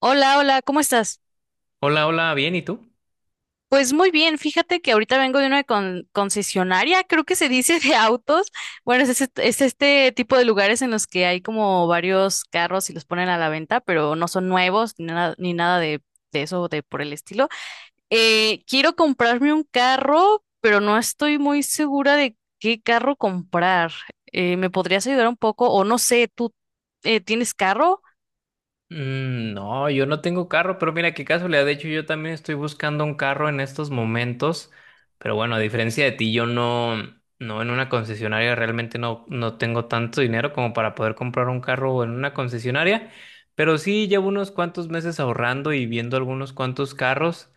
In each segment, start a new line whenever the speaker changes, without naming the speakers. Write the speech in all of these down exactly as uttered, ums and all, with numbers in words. Hola, hola, ¿cómo estás?
Hola, hola, bien, ¿y tú?
Pues muy bien, fíjate que ahorita vengo de una con- concesionaria, creo que se dice de autos. Bueno, es, ese- es este tipo de lugares en los que hay como varios carros y los ponen a la venta, pero no son nuevos ni nada, ni nada de, de eso, de por el estilo. Eh, quiero comprarme un carro, pero no estoy muy segura de qué carro comprar. Eh, ¿me podrías ayudar un poco? O no sé, ¿tú eh, tienes carro?
Mm, no, yo no tengo carro, pero mira qué casualidad. De hecho, yo también estoy buscando un carro en estos momentos. Pero bueno, a diferencia de ti, yo no, no en una concesionaria realmente no, no tengo tanto dinero como para poder comprar un carro en una concesionaria. Pero sí llevo unos cuantos meses ahorrando y viendo algunos cuantos carros.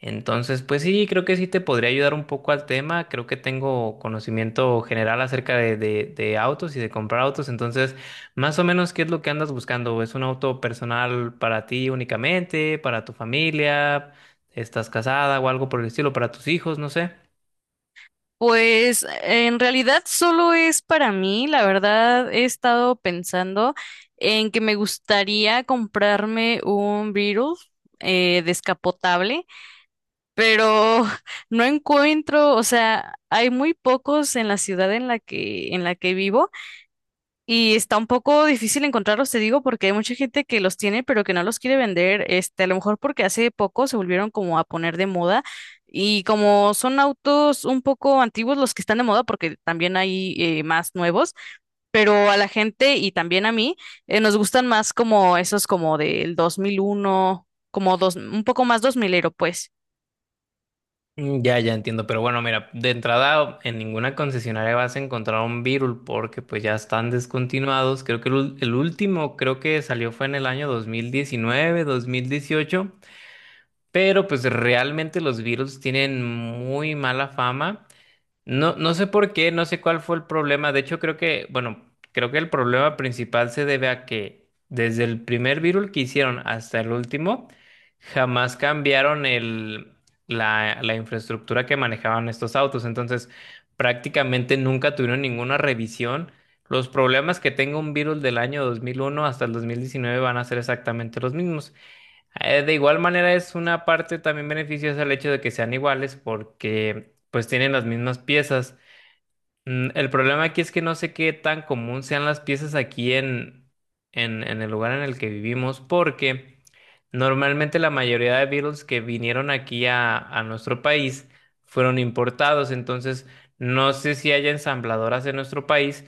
Entonces, pues sí, creo que sí te podría ayudar un poco al tema. Creo que tengo conocimiento general acerca de, de de autos y de comprar autos. Entonces. Más o menos, ¿qué es lo que andas buscando? ¿Es un auto personal para ti únicamente, para tu familia? ¿Estás casada o algo por el estilo, para tus hijos? No sé.
Pues en realidad solo es para mí, la verdad he estado pensando en que me gustaría comprarme un Beetle eh, descapotable, pero no encuentro, o sea, hay muy pocos en la ciudad en la que en la que vivo y está un poco difícil encontrarlos, te digo, porque hay mucha gente que los tiene, pero que no los quiere vender. Este, a lo mejor porque hace poco se volvieron como a poner de moda. Y como son autos un poco antiguos los que están de moda, porque también hay eh, más nuevos, pero a la gente y también a mí eh, nos gustan más como esos como del dos mil uno como dos, un poco más dos milero pues.
Mm, ya, ya entiendo, pero bueno, mira, de entrada en ninguna concesionaria vas a encontrar un Virul porque pues ya están descontinuados. Creo que el, ul- el último creo que salió fue en el año dos mil diecinueve, dos mil dieciocho, pero pues realmente los Viruls tienen muy mala fama. No, no sé por qué, no sé cuál fue el problema. De hecho, creo que, bueno, creo que el problema principal se debe a que desde el primer virul que hicieron hasta el último, jamás cambiaron el, la, la infraestructura que manejaban estos autos. Entonces, prácticamente nunca tuvieron ninguna revisión. Los problemas que tenga un virul del año dos mil uno hasta el dos mil diecinueve van a ser exactamente los mismos. Eh, De igual manera es una parte también beneficiosa el hecho de que sean iguales porque pues tienen las mismas piezas. Mm, el problema aquí es que no sé qué tan común sean las piezas aquí en, en, en el lugar en el que vivimos, porque normalmente la mayoría de Beatles que vinieron aquí a, a nuestro país fueron importados, entonces no sé si haya ensambladoras en nuestro país,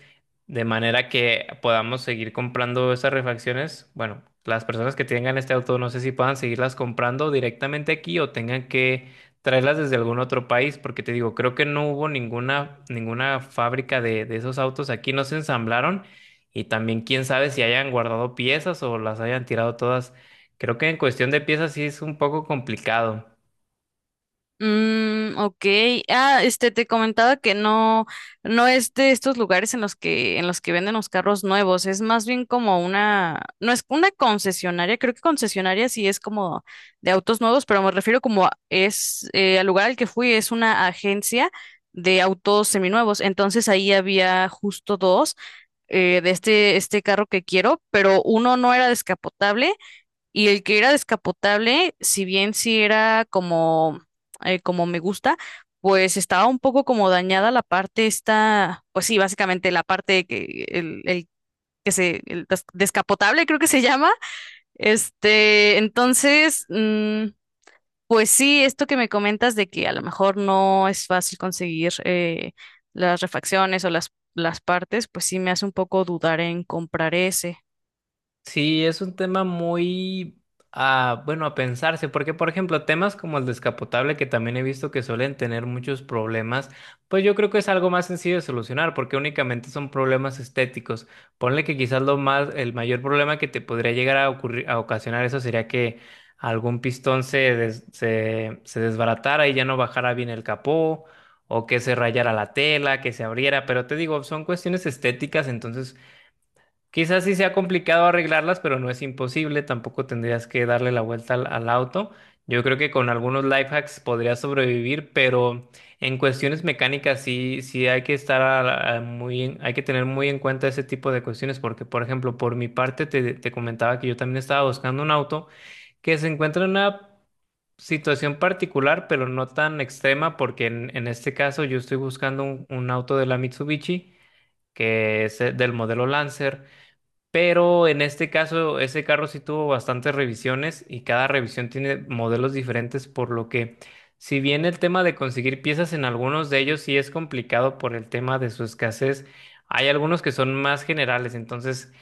de manera que podamos seguir comprando esas refacciones. Bueno, las personas que tengan este auto no sé si puedan seguirlas comprando directamente aquí o tengan que traerlas desde algún otro país, porque te digo, creo que no hubo ninguna, ninguna fábrica de, de esos autos aquí, no se ensamblaron y también quién sabe si hayan guardado piezas o las hayan tirado todas. Creo que en cuestión de piezas sí es un poco complicado.
Mm, ok. Ah, este, te comentaba que no, no es de estos lugares en los que, en los que venden los carros nuevos. Es más bien como una, no es una concesionaria. Creo que concesionaria sí es como de autos nuevos, pero me refiero como a- es, eh, al lugar al que fui es una agencia de autos seminuevos. Entonces ahí había justo dos eh, de este, este carro que quiero, pero uno no era descapotable y el que era descapotable, si bien sí era como, eh, como me gusta, pues estaba un poco como dañada la parte esta, pues sí, básicamente la parte que el, el que se, el des- descapotable creo que se llama. Este, entonces, mm, pues sí, esto que me comentas de que a lo mejor no es fácil conseguir eh, las refacciones o las, las partes, pues sí me hace un poco dudar en comprar ese.
Sí, es un tema muy, ah, bueno, a pensarse, porque por ejemplo, temas como el descapotable, que también he visto que suelen tener muchos problemas, pues yo creo que es algo más sencillo de solucionar, porque únicamente son problemas estéticos. Ponle que quizás lo más, el mayor problema que te podría llegar a ocurrir, a ocasionar eso sería que algún pistón se, des- se, se desbaratara y ya no bajara bien el capó, o que se rayara la tela, que se abriera, pero te digo, son cuestiones estéticas, entonces quizás sí sea complicado arreglarlas, pero no es imposible. Tampoco tendrías que darle la vuelta al, al auto. Yo creo que con algunos life hacks podrías sobrevivir, pero en cuestiones mecánicas sí, sí hay que estar a la- a muy, en- hay que tener muy en cuenta ese tipo de cuestiones, porque por ejemplo, por mi parte te, te comentaba que yo también estaba buscando un auto que se encuentra en una situación particular, pero no tan extrema, porque en, en este caso yo estoy buscando un, un auto de la Mitsubishi que es eh, del modelo Lancer, pero en este caso, ese carro sí tuvo bastantes revisiones y cada revisión tiene modelos diferentes, por lo que si bien el tema de conseguir piezas en algunos de ellos sí es complicado por el tema de su escasez, hay algunos que son más generales. Entonces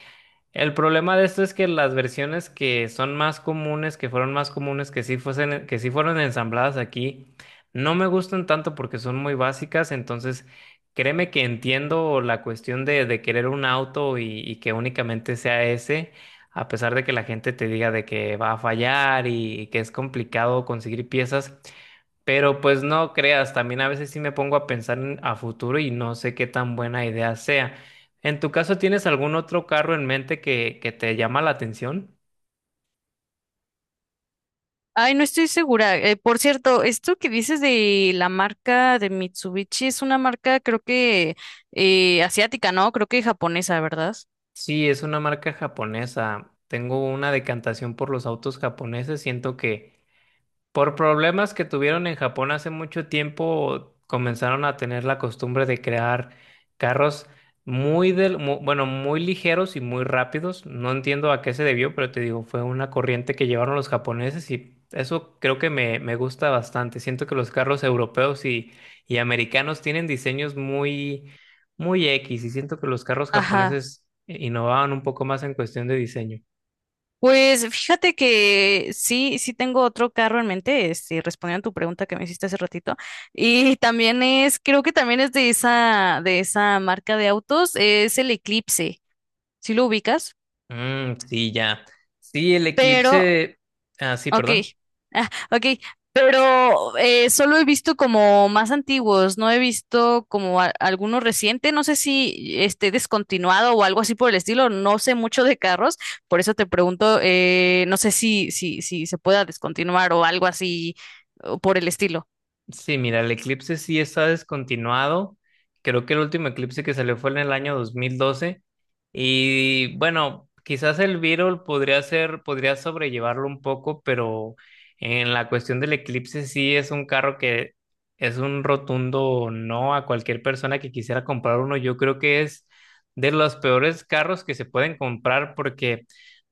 el problema de esto es que las versiones que son más comunes, que fueron más comunes, que sí fuesen, que sí fueron ensambladas aquí, no me gustan tanto porque son muy básicas. Entonces, créeme que entiendo la cuestión de, de querer un auto y, y que únicamente sea ese, a pesar de que la gente te diga de que va a fallar y, y que es complicado conseguir piezas. Pero pues no creas, también a veces sí me pongo a pensar en- a futuro y no sé qué tan buena idea sea. ¿En tu caso tienes algún otro carro en mente que, que te llama la atención?
Ay, no estoy segura. Eh, por cierto, esto que dices de la marca de Mitsubishi es una marca, creo que eh, asiática, ¿no? Creo que japonesa, ¿verdad?
Sí, es una marca japonesa. Tengo una decantación por los autos japoneses. Siento que por problemas que tuvieron en Japón hace mucho tiempo, comenzaron a tener la costumbre de crear carros muy del, mu- bueno, muy ligeros y muy rápidos. No entiendo a qué se debió, pero te digo, fue una corriente que llevaron los japoneses y eso creo que me, me gusta bastante. Siento que los carros europeos y, y americanos tienen diseños muy, muy X y siento que los carros
Ajá.
japoneses innovaban un poco más en cuestión de diseño.
Pues fíjate que sí, sí tengo otro carro en mente, este, respondiendo a tu pregunta que me hiciste hace ratito. Y también es, creo que también es de esa, de esa marca de autos, es el Eclipse. ¿Sí lo ubicas?
Mm, sí, ya. Sí, el
Pero
eclipse. Ah, sí,
ok,
perdón.
ah, ok, pero eh, solo he visto como más antiguos, no he visto como a- alguno reciente, no sé si esté descontinuado o algo así por el estilo, no sé mucho de carros, por eso te pregunto, eh, no sé si, si, si se pueda descontinuar o algo así o por el estilo.
Sí, mira, el eclipse sí está descontinuado. Creo que el último eclipse que salió fue en el año dos mil doce. Y bueno, quizás el Virol podría ser, podría sobrellevarlo un poco, pero en la cuestión del eclipse sí es un carro que es un rotundo no a cualquier persona que quisiera comprar uno. Yo creo que es de los peores carros que se pueden comprar. Porque.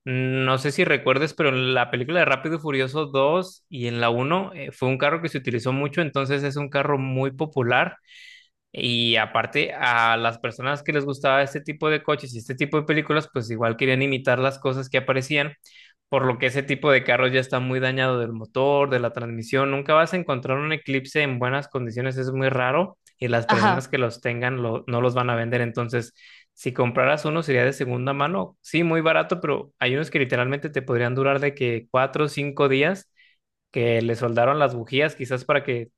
No sé si recuerdes, pero en la película de Rápido y Furioso dos y en la uno eh, fue un carro que se utilizó mucho, entonces es un carro muy popular y aparte a las personas que les gustaba este tipo de coches y este tipo de películas, pues igual querían imitar las cosas que aparecían, por lo que ese tipo de carros ya está muy dañado del motor, de la transmisión. Nunca vas a encontrar un Eclipse en buenas condiciones, es muy raro y las
Ajá,
personas que los tengan lo- no los van a vender. Entonces, si compraras uno sería de segunda mano, sí, muy barato, pero hay unos que literalmente te podrían durar de que cuatro o cinco días, que le soldaron las bujías, quizás para que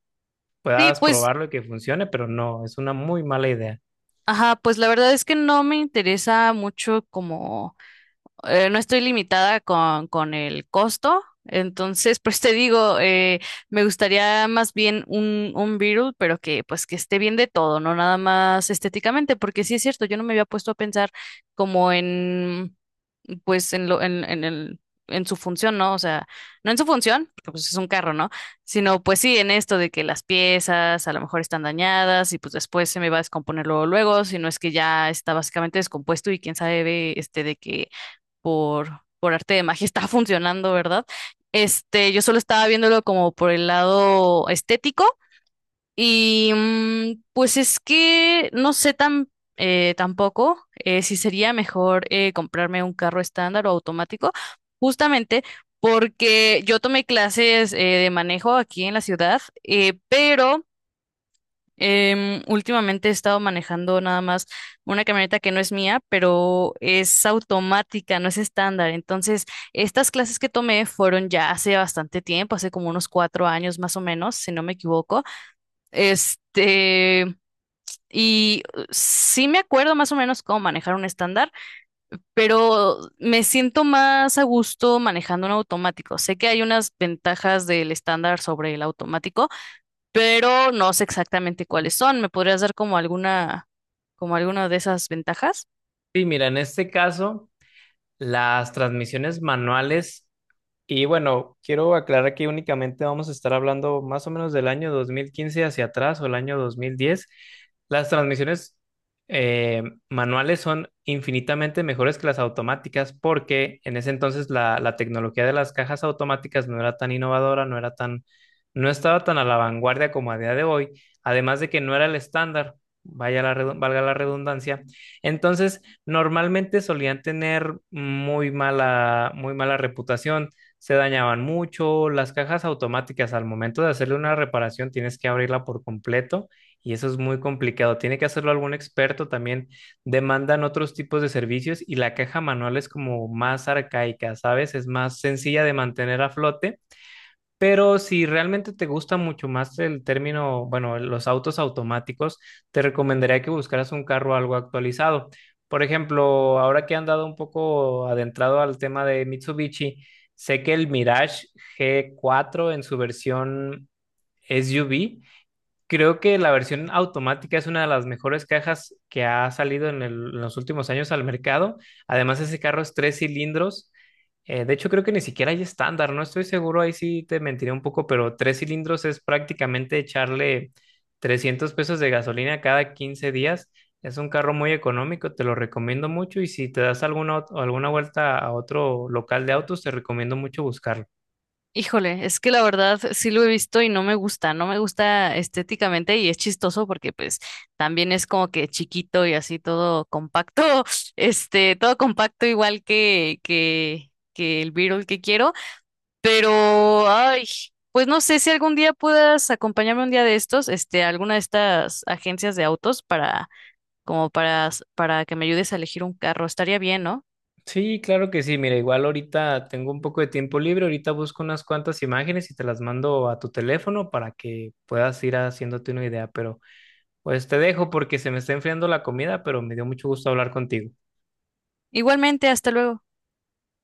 sí,
puedas
pues,
probarlo y que funcione, pero no, es una muy mala idea.
ajá, pues la verdad es que no me interesa mucho como... eh, no estoy limitada con, con el costo. Entonces, pues te digo, eh, me gustaría más bien un, un Beatle, pero que pues que esté bien de todo, no nada más estéticamente, porque sí es cierto, yo no me había puesto a pensar como en, pues en lo, en, en el, en su función, ¿no? O sea, no en su función, porque pues es un carro, ¿no? Sino pues sí en esto de que las piezas a lo mejor están dañadas y pues después se me va a descomponer luego, luego, si no es que ya está básicamente descompuesto y quién sabe este de que por, por arte de magia está funcionando, ¿verdad? Este, yo solo estaba viéndolo como por el lado estético y mm, pues es que no sé tan eh, tampoco eh, si sería mejor eh, comprarme un carro estándar o automático, justamente porque yo tomé clases eh, de manejo aquí en la ciudad, eh, pero Em, últimamente he estado manejando nada más una camioneta que no es mía, pero es automática, no es estándar. Entonces, estas clases que tomé fueron ya hace bastante tiempo, hace como unos cuatro años más o menos, si no me equivoco. Este, y uh, sí me acuerdo más o menos cómo manejar un estándar, pero me siento más a gusto manejando un automático. Sé que hay unas ventajas del estándar sobre el automático, pero no sé exactamente cuáles son. ¿Me podrías dar como alguna, como alguna de esas ventajas?
Sí, mira, en este caso, las transmisiones manuales. Y bueno, quiero aclarar que únicamente vamos a estar hablando más o menos del año dos mil quince hacia atrás o el año dos mil diez. Las transmisiones eh, manuales son infinitamente mejores que las automáticas porque en ese entonces la, la tecnología de las cajas automáticas no era tan innovadora, no era tan, no estaba tan a la vanguardia como a día de hoy, además de que no era el estándar, vaya la, redu- valga la redundancia. Entonces, normalmente solían tener muy mala, muy mala reputación. Se dañaban mucho. Las cajas automáticas, al momento de hacerle una reparación, tienes que abrirla por completo y eso es muy complicado. Tiene que hacerlo algún experto también. Demandan otros tipos de servicios y la caja manual es como más arcaica, ¿sabes? Es más sencilla de mantener a flote, pero si realmente te gusta mucho más el término, bueno, los autos automáticos, te recomendaría que buscaras un carro algo actualizado. Por ejemplo, ahora que he andado un poco adentrado al tema de Mitsubishi, sé que el Mirage g cuatro en su versión S U V. Creo que la versión automática es una de las mejores cajas que ha salido en, el- en los últimos años al mercado. Además, ese carro es tres cilindros. Eh, de hecho, creo que ni siquiera hay estándar, no estoy seguro, ahí sí te mentiré un poco, pero tres cilindros es prácticamente echarle trescientos pesos de gasolina cada quince días. Es un carro muy económico, te lo recomiendo mucho y si te das alguna, ot- alguna vuelta a otro local de autos, te recomiendo mucho buscarlo.
Híjole, es que la verdad sí lo he visto y no me gusta, no me gusta estéticamente y es chistoso porque pues también es como que chiquito y así todo compacto, este, todo compacto igual que, que, que el Beetle que quiero, pero ay, pues no sé si algún día puedas acompañarme un día de estos, este, a alguna de estas agencias de autos para como para, para que me ayudes a elegir un carro. Estaría bien, ¿no?
Sí, claro que sí. Mira, igual ahorita tengo un poco de tiempo libre. Ahorita busco unas cuantas imágenes y te las mando a tu teléfono para que puedas ir haciéndote una idea. Pero pues te dejo porque se me está enfriando la comida, pero me dio mucho gusto hablar contigo.
Igualmente, hasta luego.